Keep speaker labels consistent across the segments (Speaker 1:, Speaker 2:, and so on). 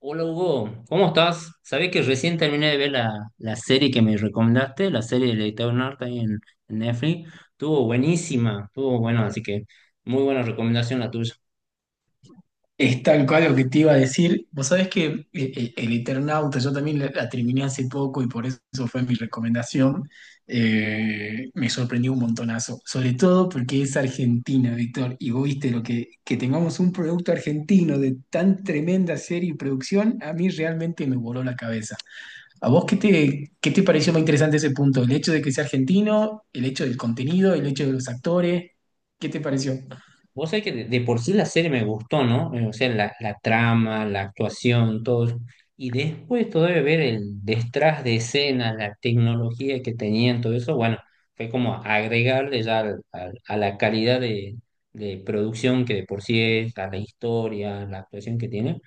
Speaker 1: Hola Hugo, ¿cómo estás? Sabés que recién terminé de ver la serie que me recomendaste, la serie del Eternauta ahí en Netflix. Estuvo buenísima, estuvo bueno, así que muy buena recomendación la tuya.
Speaker 2: Es tal cual lo que te iba a decir. Vos sabés que El Eternauta, yo también la terminé hace poco y por eso fue mi recomendación. Me sorprendió un montonazo, sobre todo porque es Argentina, Víctor, y vos viste lo que tengamos un producto argentino de tan tremenda serie y producción, a mí realmente me voló la cabeza. ¿A vos qué te pareció más interesante ese punto? ¿El hecho de que sea argentino? ¿El hecho del contenido? ¿El hecho de los actores? ¿Qué te pareció?
Speaker 1: Vos sabés que de por sí la serie me gustó, ¿no? O sea, la trama, la actuación, todo eso. Y después todavía ver el detrás de escena, la tecnología que tenían, todo eso, bueno, fue como agregarle ya a la calidad de producción que de por sí es, a la historia, la actuación que tiene,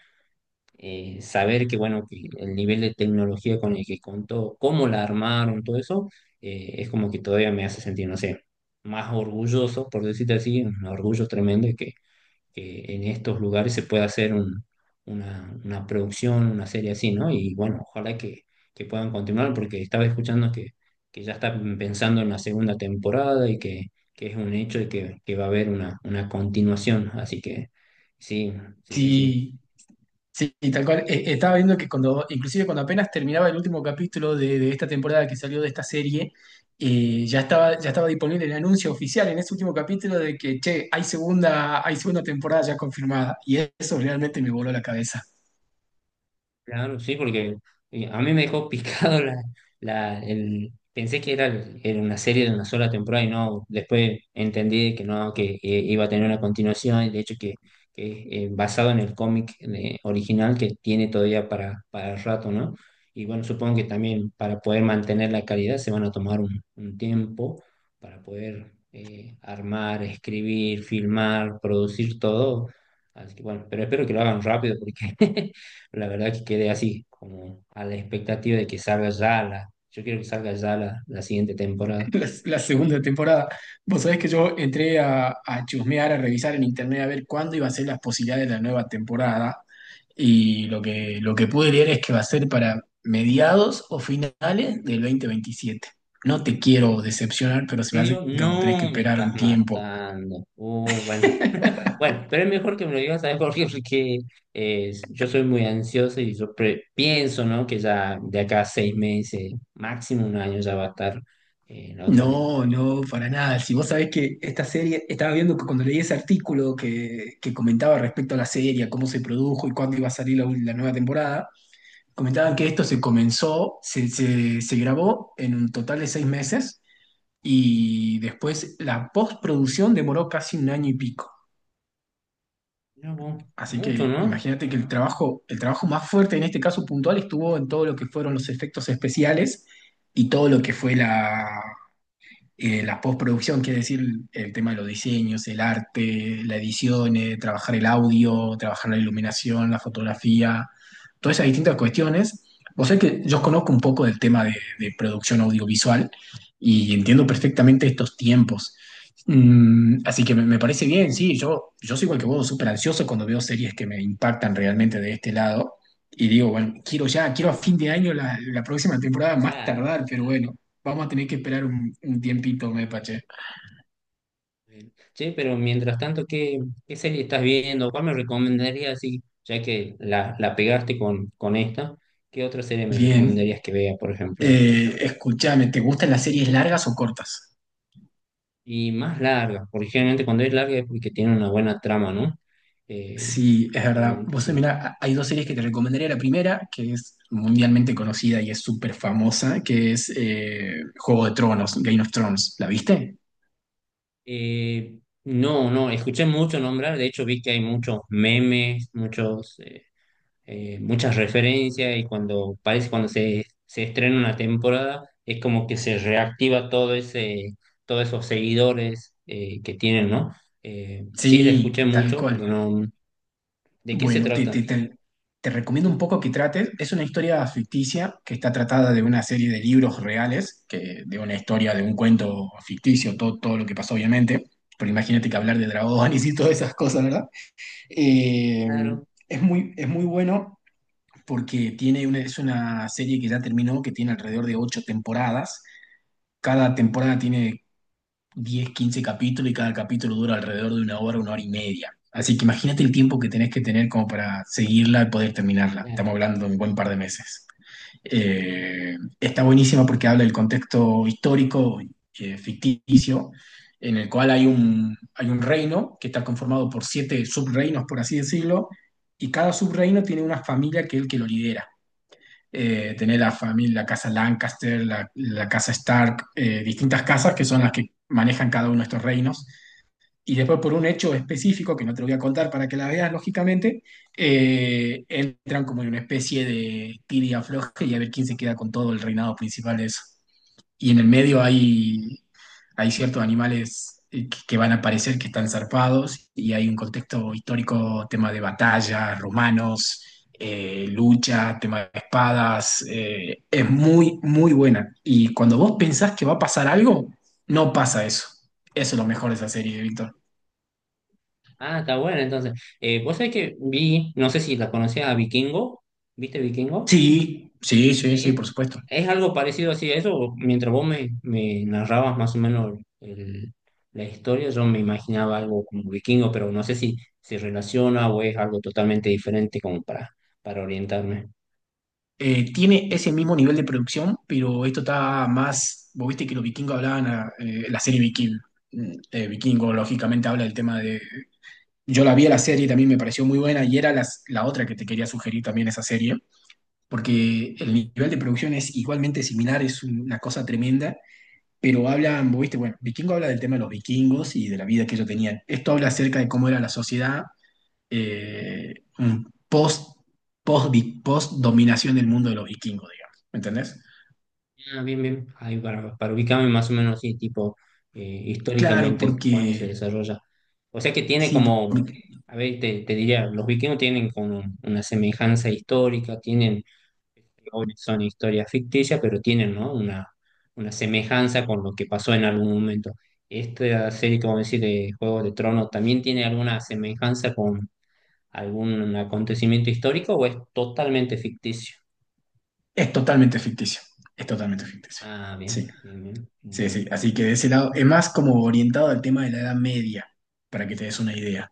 Speaker 1: saber que, bueno, que el nivel de tecnología con el que contó, cómo la armaron, todo eso, es como que todavía me hace sentir, no sé, más orgulloso, por decirte así, un orgullo tremendo que en estos lugares se pueda hacer una producción, una serie así, ¿no? Y bueno, ojalá que puedan continuar porque estaba escuchando que ya están pensando en la segunda temporada y que es un hecho y que va a haber una continuación. Así que sí, sí, sí, sí.
Speaker 2: Sí. Sí, y tal cual. Estaba viendo que cuando, inclusive cuando apenas terminaba el último capítulo de esta temporada que salió de esta serie, ya estaba disponible el anuncio oficial en ese último capítulo de que, che, hay segunda temporada ya confirmada. Y eso realmente me voló la cabeza.
Speaker 1: Claro, sí, porque a mí me dejó picado pensé que era una serie de una sola temporada y no, después entendí que no, que iba a tener una continuación y de hecho que basado en el cómic original que tiene todavía para rato, ¿no? Y bueno, supongo que también para poder mantener la calidad se van a tomar un tiempo para poder armar, escribir, filmar, producir todo. Así que bueno, pero espero que lo hagan rápido porque la verdad que quedé así, como a la expectativa de que salga ya yo quiero que salga ya la siguiente temporada.
Speaker 2: La segunda temporada. Vos sabés que yo entré a chusmear, a revisar en internet a ver cuándo iba a ser las posibilidades de la nueva temporada. Y lo que pude leer es que va a ser para mediados o finales del 2027. No te quiero decepcionar,
Speaker 1: En
Speaker 2: pero se me
Speaker 1: serio,
Speaker 2: hace que como tenés que
Speaker 1: no me
Speaker 2: esperar
Speaker 1: estás
Speaker 2: un tiempo.
Speaker 1: matando. Bueno, bueno, pero es mejor que me lo digas, ¿sabes por qué? Porque yo soy muy ansioso y yo pienso, ¿no? Que ya de acá a seis meses, máximo un año, ya va a estar la otra
Speaker 2: No,
Speaker 1: temporada.
Speaker 2: no, para nada. Si vos sabés que esta serie, estaba viendo que cuando leí ese artículo que comentaba respecto a la serie, a cómo se produjo y cuándo iba a salir la nueva temporada, comentaban que esto se comenzó, se grabó en un total de 6 meses y después la postproducción demoró casi un año y pico.
Speaker 1: Mira vos,
Speaker 2: Así
Speaker 1: mucho,
Speaker 2: que
Speaker 1: ¿no?
Speaker 2: imagínate que el trabajo más fuerte en este caso puntual estuvo en todo lo que fueron los efectos especiales y todo lo que fue la postproducción, quiere decir el tema de los diseños, el arte, la edición, trabajar el audio, trabajar la iluminación, la fotografía, todas esas distintas cuestiones. Vos sabés que yo conozco un poco del tema de producción audiovisual y entiendo perfectamente estos tiempos. Así que me parece bien, sí, yo soy igual que vos, súper ansioso cuando veo series que me impactan realmente de este lado. Y digo, bueno, quiero ya, quiero a fin de año la próxima temporada más
Speaker 1: Ya,
Speaker 2: tardar, pero bueno. Vamos a tener que esperar un tiempito, Mepa, che.
Speaker 1: bien. Che, pero mientras tanto, ¿qué, qué serie estás viendo? ¿Cuál me recomendarías? Sí, ya que la pegaste con esta, ¿qué otra serie me
Speaker 2: Bien.
Speaker 1: recomendarías que vea, por ejemplo, ahora?
Speaker 2: Escúchame, ¿te gustan las series largas o cortas?
Speaker 1: Y más larga, porque generalmente cuando es larga es porque tiene una buena trama, ¿no? Eh,
Speaker 2: Sí, es verdad.
Speaker 1: generalmente
Speaker 2: Vos,
Speaker 1: sí.
Speaker 2: mira, hay dos series que te recomendaría. La primera, que es mundialmente conocida y es súper famosa, que es Juego de Tronos, Game of Thrones. ¿La viste?
Speaker 1: Eh, no, no, escuché mucho nombrar, de hecho vi que hay muchos memes, muchos, muchas referencias y cuando parece cuando se estrena una temporada es como que se reactiva todo todos esos seguidores que tienen, ¿no? Sí, la
Speaker 2: Sí,
Speaker 1: escuché
Speaker 2: tal
Speaker 1: mucho,
Speaker 2: cual.
Speaker 1: pero no. ¿De qué se
Speaker 2: Bueno, te, te,
Speaker 1: trata?
Speaker 2: te- te recomiendo un poco que trates. Es una historia ficticia que está tratada de una serie de libros reales, que, de una historia, de un cuento ficticio, todo, todo lo que pasó, obviamente. Pero imagínate que hablar de dragones y todas esas cosas, ¿verdad? Eh,
Speaker 1: Claro,
Speaker 2: es muy bueno porque tiene una, es una serie que ya terminó, que tiene alrededor de ocho temporadas. Cada temporada tiene 10 15 capítulos y cada capítulo dura alrededor de una hora y media. Así que imagínate el tiempo que tenés que tener como para seguirla y poder terminarla. Estamos
Speaker 1: claro.
Speaker 2: hablando de un buen par de meses. Está buenísima porque habla del contexto histórico, ficticio, en el cual hay un reino que está conformado por siete subreinos, por así decirlo, y cada subreino tiene una familia que es el que lo lidera. Tenés la familia, la casa Lancaster, la casa Stark, distintas casas que son las que manejan cada uno de estos reinos. Y después por un hecho específico, que no te lo voy a contar para que la veas, lógicamente, entran como en una especie de tira y afloje y a ver quién se queda con todo el reinado principal de eso. Y en el medio hay ciertos animales que van a aparecer que están zarpados y hay un contexto histórico, tema de batalla, romanos, lucha, tema de espadas. Es muy, muy buena. Y cuando vos pensás que va a pasar algo, no pasa eso. Eso es lo mejor de esa serie, Víctor.
Speaker 1: Ah, está bueno, entonces. Vos sabés que vi, no sé si la conocías a Vikingo, ¿viste Vikingo?
Speaker 2: Sí, sí, sí, sí, por supuesto.
Speaker 1: Es algo parecido así a eso. Mientras vos me, me narrabas más o menos la historia, yo me imaginaba algo como vikingo, pero no sé si se relaciona o es algo totalmente diferente como para orientarme.
Speaker 2: Tiene ese mismo nivel de producción, pero esto está más, vos viste que los vikingos hablaban, la serie Viking, Vikingo, lógicamente habla del tema de... Yo la vi a la serie y también me pareció muy buena y era la otra que te quería sugerir también esa serie, porque el
Speaker 1: Eh,
Speaker 2: nivel de producción es igualmente similar, es una cosa tremenda, pero hablan, vos viste, bueno, Vikingo habla del tema de los vikingos y de la vida que ellos tenían. Esto habla acerca de cómo era la sociedad un post, post, post dominación del mundo de los vikingos, digamos. ¿Me entendés?
Speaker 1: ah, bien, bien. Ahí para ubicarme más o menos así, tipo,
Speaker 2: Claro,
Speaker 1: históricamente, cuándo se
Speaker 2: porque
Speaker 1: desarrolla. O sea que tiene
Speaker 2: sí,
Speaker 1: como,
Speaker 2: porque
Speaker 1: a ver, te diría, los vikingos tienen como una semejanza histórica, tienen, obvio, son historias ficticias, pero tienen, ¿no?, una semejanza con lo que pasó en algún momento. ¿Esta serie como decir de Juegos de Tronos también tiene alguna semejanza con algún acontecimiento histórico o es totalmente ficticio?
Speaker 2: es totalmente ficticio. Es totalmente ficticio.
Speaker 1: Ah,
Speaker 2: Sí,
Speaker 1: bien, bien, bien.
Speaker 2: sí, sí.
Speaker 1: Bueno.
Speaker 2: Así que de ese lado, es más como orientado al tema de la Edad Media, para que te des una idea.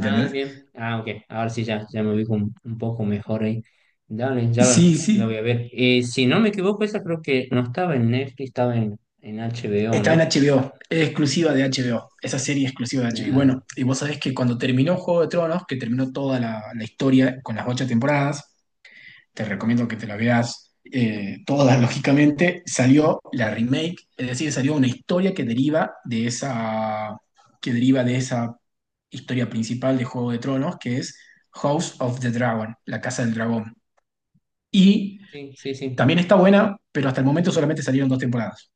Speaker 1: Ah, bien. Ah, ok. Ahora sí ya, ya me ubico un poco mejor ahí. Dale, ya
Speaker 2: Sí,
Speaker 1: la
Speaker 2: sí.
Speaker 1: la voy a ver. Si no me equivoco, esa creo que no estaba en Netflix, estaba en HBO,
Speaker 2: Está en
Speaker 1: ¿no?
Speaker 2: HBO, es exclusiva de HBO,
Speaker 1: Sí.
Speaker 2: esa serie es exclusiva de HBO. Y
Speaker 1: Claro.
Speaker 2: bueno, y vos sabés que cuando terminó Juego de Tronos, que terminó toda la historia con las ocho temporadas, te recomiendo que te la veas toda, lógicamente, salió la remake, es decir, salió una historia que deriva de esa, historia principal de Juego de Tronos, que es House of the Dragon, la Casa del Dragón. Y
Speaker 1: Sí, sí, sí,
Speaker 2: también está buena, pero hasta el momento solamente salieron dos temporadas.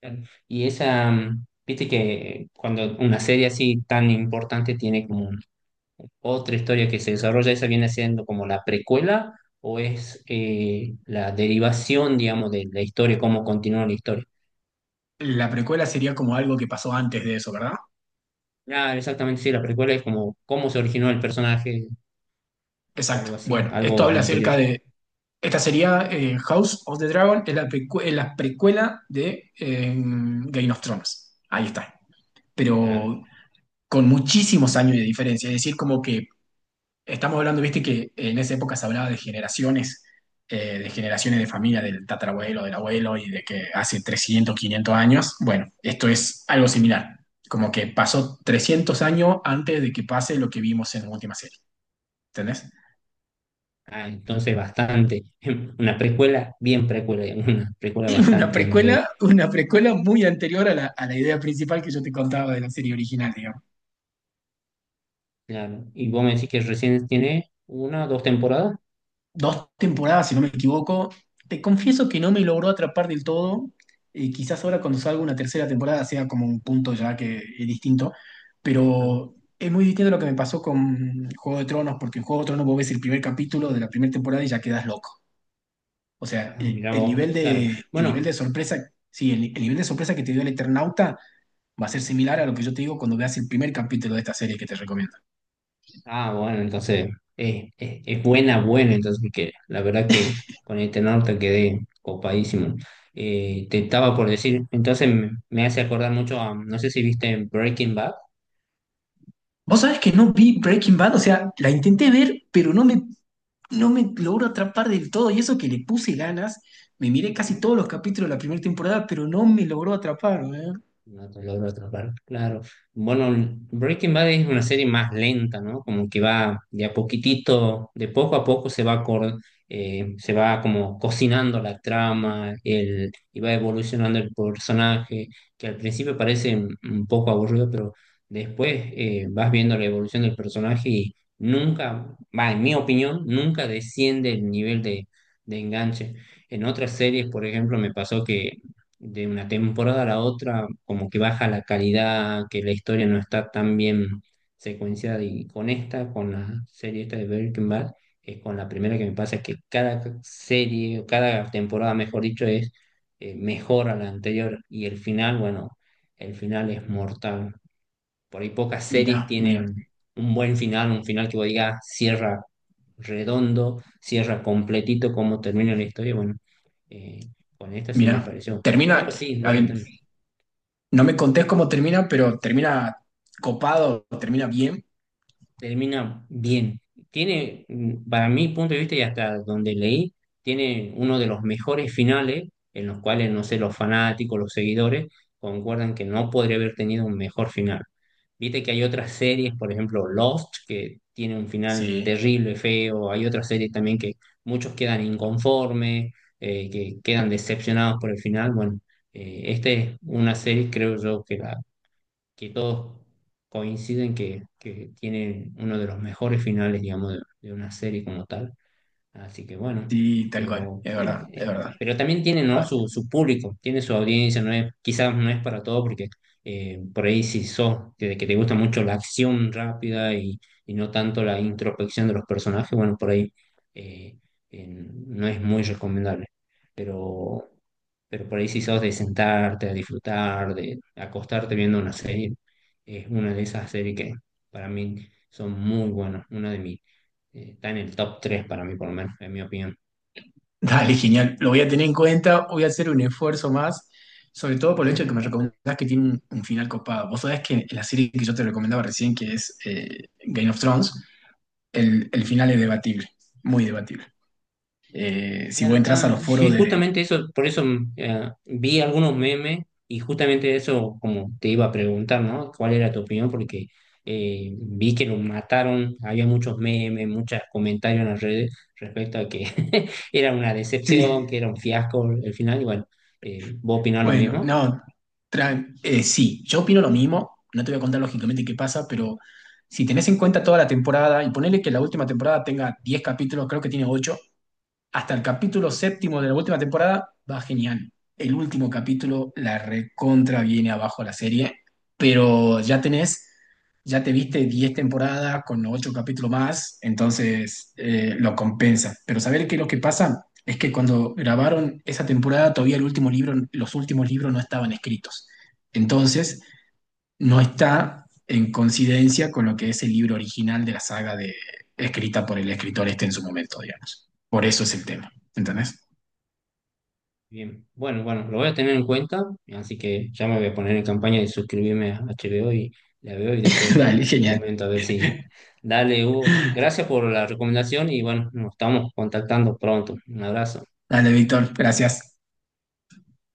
Speaker 1: claro. Y esa, mm, viste que cuando una serie así tan importante tiene como otra historia que se desarrolla, ¿esa viene siendo como la precuela o es la derivación, digamos, de la historia, cómo continúa la historia?
Speaker 2: La precuela sería como algo que pasó antes de eso, ¿verdad?
Speaker 1: Ah, exactamente, sí, la precuela es como cómo se originó el personaje o
Speaker 2: Exacto.
Speaker 1: algo así,
Speaker 2: Bueno, esto
Speaker 1: algo
Speaker 2: habla
Speaker 1: anterior.
Speaker 2: acerca de. Esta sería House of the Dragon, es la, es la precuela de Game of Thrones. Ahí está.
Speaker 1: Claro.
Speaker 2: Pero con muchísimos años de diferencia. Es decir, como que estamos hablando, viste, que en esa época se hablaba de generaciones, de generaciones de familia, del tatarabuelo, del abuelo, y de que hace 300, 500 años. Bueno, esto es algo similar. Como que pasó 300 años antes de que pase lo que vimos en la última serie. ¿Entendés?
Speaker 1: Ah, entonces bastante, una precuela, bien precuela, digamos, una precuela bastante anterior.
Speaker 2: Una precuela muy anterior a la idea principal que yo te contaba de la serie original, digamos.
Speaker 1: Claro. Y vos me decís que recién tiene una, dos temporadas.
Speaker 2: Dos temporadas, si no me equivoco. Te confieso que no me logró atrapar del todo. Quizás ahora cuando salga una tercera temporada sea como un punto ya que es distinto,
Speaker 1: Ah,
Speaker 2: pero es muy distinto a lo que me pasó con Juego de Tronos, porque en Juego de Tronos vos ves el primer capítulo de la primera temporada y ya quedas loco. O sea,
Speaker 1: ah,
Speaker 2: el,
Speaker 1: mirá
Speaker 2: el
Speaker 1: vos,
Speaker 2: nivel
Speaker 1: claro.
Speaker 2: de, el nivel
Speaker 1: Bueno,
Speaker 2: de sorpresa, sí, el nivel de sorpresa que te dio el Eternauta va a ser similar a lo que yo te digo cuando veas el primer capítulo de esta serie que te recomiendo.
Speaker 1: ah, bueno, entonces es buena, buena, entonces, que la verdad que con este norte quedé copadísimo. Te estaba por decir, entonces me hace acordar mucho a, no sé si viste Breaking Bad.
Speaker 2: Vos sabés que no vi Breaking Bad, o sea, la intenté ver, pero no me logro atrapar del todo. Y eso que le puse ganas, me miré casi
Speaker 1: ¿No?
Speaker 2: todos los capítulos de la primera temporada, pero no me logró atrapar. ¿Eh?
Speaker 1: No, te logro atrapar, claro. Bueno, Breaking Bad es una serie más lenta, ¿no? Como que va de a poquitito, de poco a poco se va, se va como cocinando la trama, y va evolucionando el personaje, que al principio parece un poco aburrido, pero después vas viendo la evolución del personaje y nunca, va, en mi opinión, nunca desciende el nivel de enganche. En otras series, por ejemplo, me pasó que de una temporada a la otra, como que baja la calidad, que la historia no está tan bien secuenciada. Y con esta, con la serie esta de Breaking Bad, es con la primera que me pasa que cada serie, o cada temporada, mejor dicho, es mejor a la anterior. Y el final, bueno, el final es mortal. Por ahí pocas series
Speaker 2: Mirá, mirá,
Speaker 1: tienen un buen final, un final que vos digas cierra redondo, cierra completito cómo termina la historia. Bueno, eh, con esta sí me
Speaker 2: mirá.
Speaker 1: pareció. Pero
Speaker 2: Termina,
Speaker 1: sí,
Speaker 2: a
Speaker 1: bueno,
Speaker 2: ver, no me contés cómo termina, pero termina copado, termina bien.
Speaker 1: termina bien. Tiene, mm, para mi punto de vista y hasta donde leí, tiene uno de los mejores finales en los cuales, no sé, los fanáticos, los seguidores concuerdan que no podría haber tenido un mejor final. Viste que hay otras series, por ejemplo, Lost, que tiene un final
Speaker 2: Sí.
Speaker 1: terrible, feo. Hay otras series también que muchos quedan inconformes, que quedan decepcionados por el final. Bueno, esta es una serie, creo yo, que todos coinciden que tiene uno de los mejores finales, digamos, de una serie como tal. Así que bueno,
Speaker 2: Sí, tal cual,
Speaker 1: pero
Speaker 2: es verdad,
Speaker 1: sí,
Speaker 2: es verdad.
Speaker 1: pero también tiene, ¿no?,
Speaker 2: Va-
Speaker 1: su público, tiene su audiencia, no es, quizás no es para todo, porque por ahí si sos, que te gusta mucho la acción rápida y no tanto la introspección de los personajes, bueno, por ahí eh, no es muy recomendable. Pero, pero por ahí si sos de sentarte, a disfrutar, de acostarte viendo una serie, es una de esas series que para mí son muy buenas, una de mis está en el top 3 para mí, por lo menos, en mi opinión.
Speaker 2: Dale, genial. Lo voy a tener en cuenta, voy a hacer un esfuerzo más, sobre todo por el hecho de que me recomendás que tiene un final copado. Vos sabés que la serie que yo te recomendaba recién, que es Game of Thrones, el final es debatible, muy debatible. Si vos
Speaker 1: Ah,
Speaker 2: entras a
Speaker 1: ah,
Speaker 2: los foros
Speaker 1: sí,
Speaker 2: de...
Speaker 1: justamente eso, por eso mm, vi algunos memes y justamente eso, como te iba a preguntar, ¿no? ¿Cuál era tu opinión? Porque vi que lo mataron, había muchos memes, muchos comentarios en las redes respecto a que era una decepción, que era
Speaker 2: Sí.
Speaker 1: un fiasco el final, y bueno, ¿vos opinás lo
Speaker 2: Bueno,
Speaker 1: mismo?
Speaker 2: no, sí, yo opino lo mismo, no te voy a contar lógicamente qué pasa, pero si tenés en cuenta toda la temporada y ponele que la última temporada tenga 10 capítulos, creo que tiene 8 hasta el capítulo séptimo de la última temporada va genial. El último capítulo la recontra viene abajo la serie, pero ya tenés, ya te viste 10 temporadas con 8 capítulos más, entonces lo compensa. Pero saber que lo que pasa es que cuando grabaron esa temporada todavía el último libro, los últimos libros no estaban escritos. Entonces no está en coincidencia con lo que es el libro original de la saga de, escrita por el escritor este en su momento, digamos. Por eso es el tema, ¿entendés?
Speaker 1: Bien, bueno, bueno, lo voy a tener en cuenta, así que ya me voy a poner en campaña de suscribirme a HBO y la veo y después
Speaker 2: Dale,
Speaker 1: te
Speaker 2: genial.
Speaker 1: comento a ver si. Dale, Hugo, gracias por la recomendación y bueno, nos estamos contactando pronto. Un abrazo.
Speaker 2: Dale, Víctor, gracias.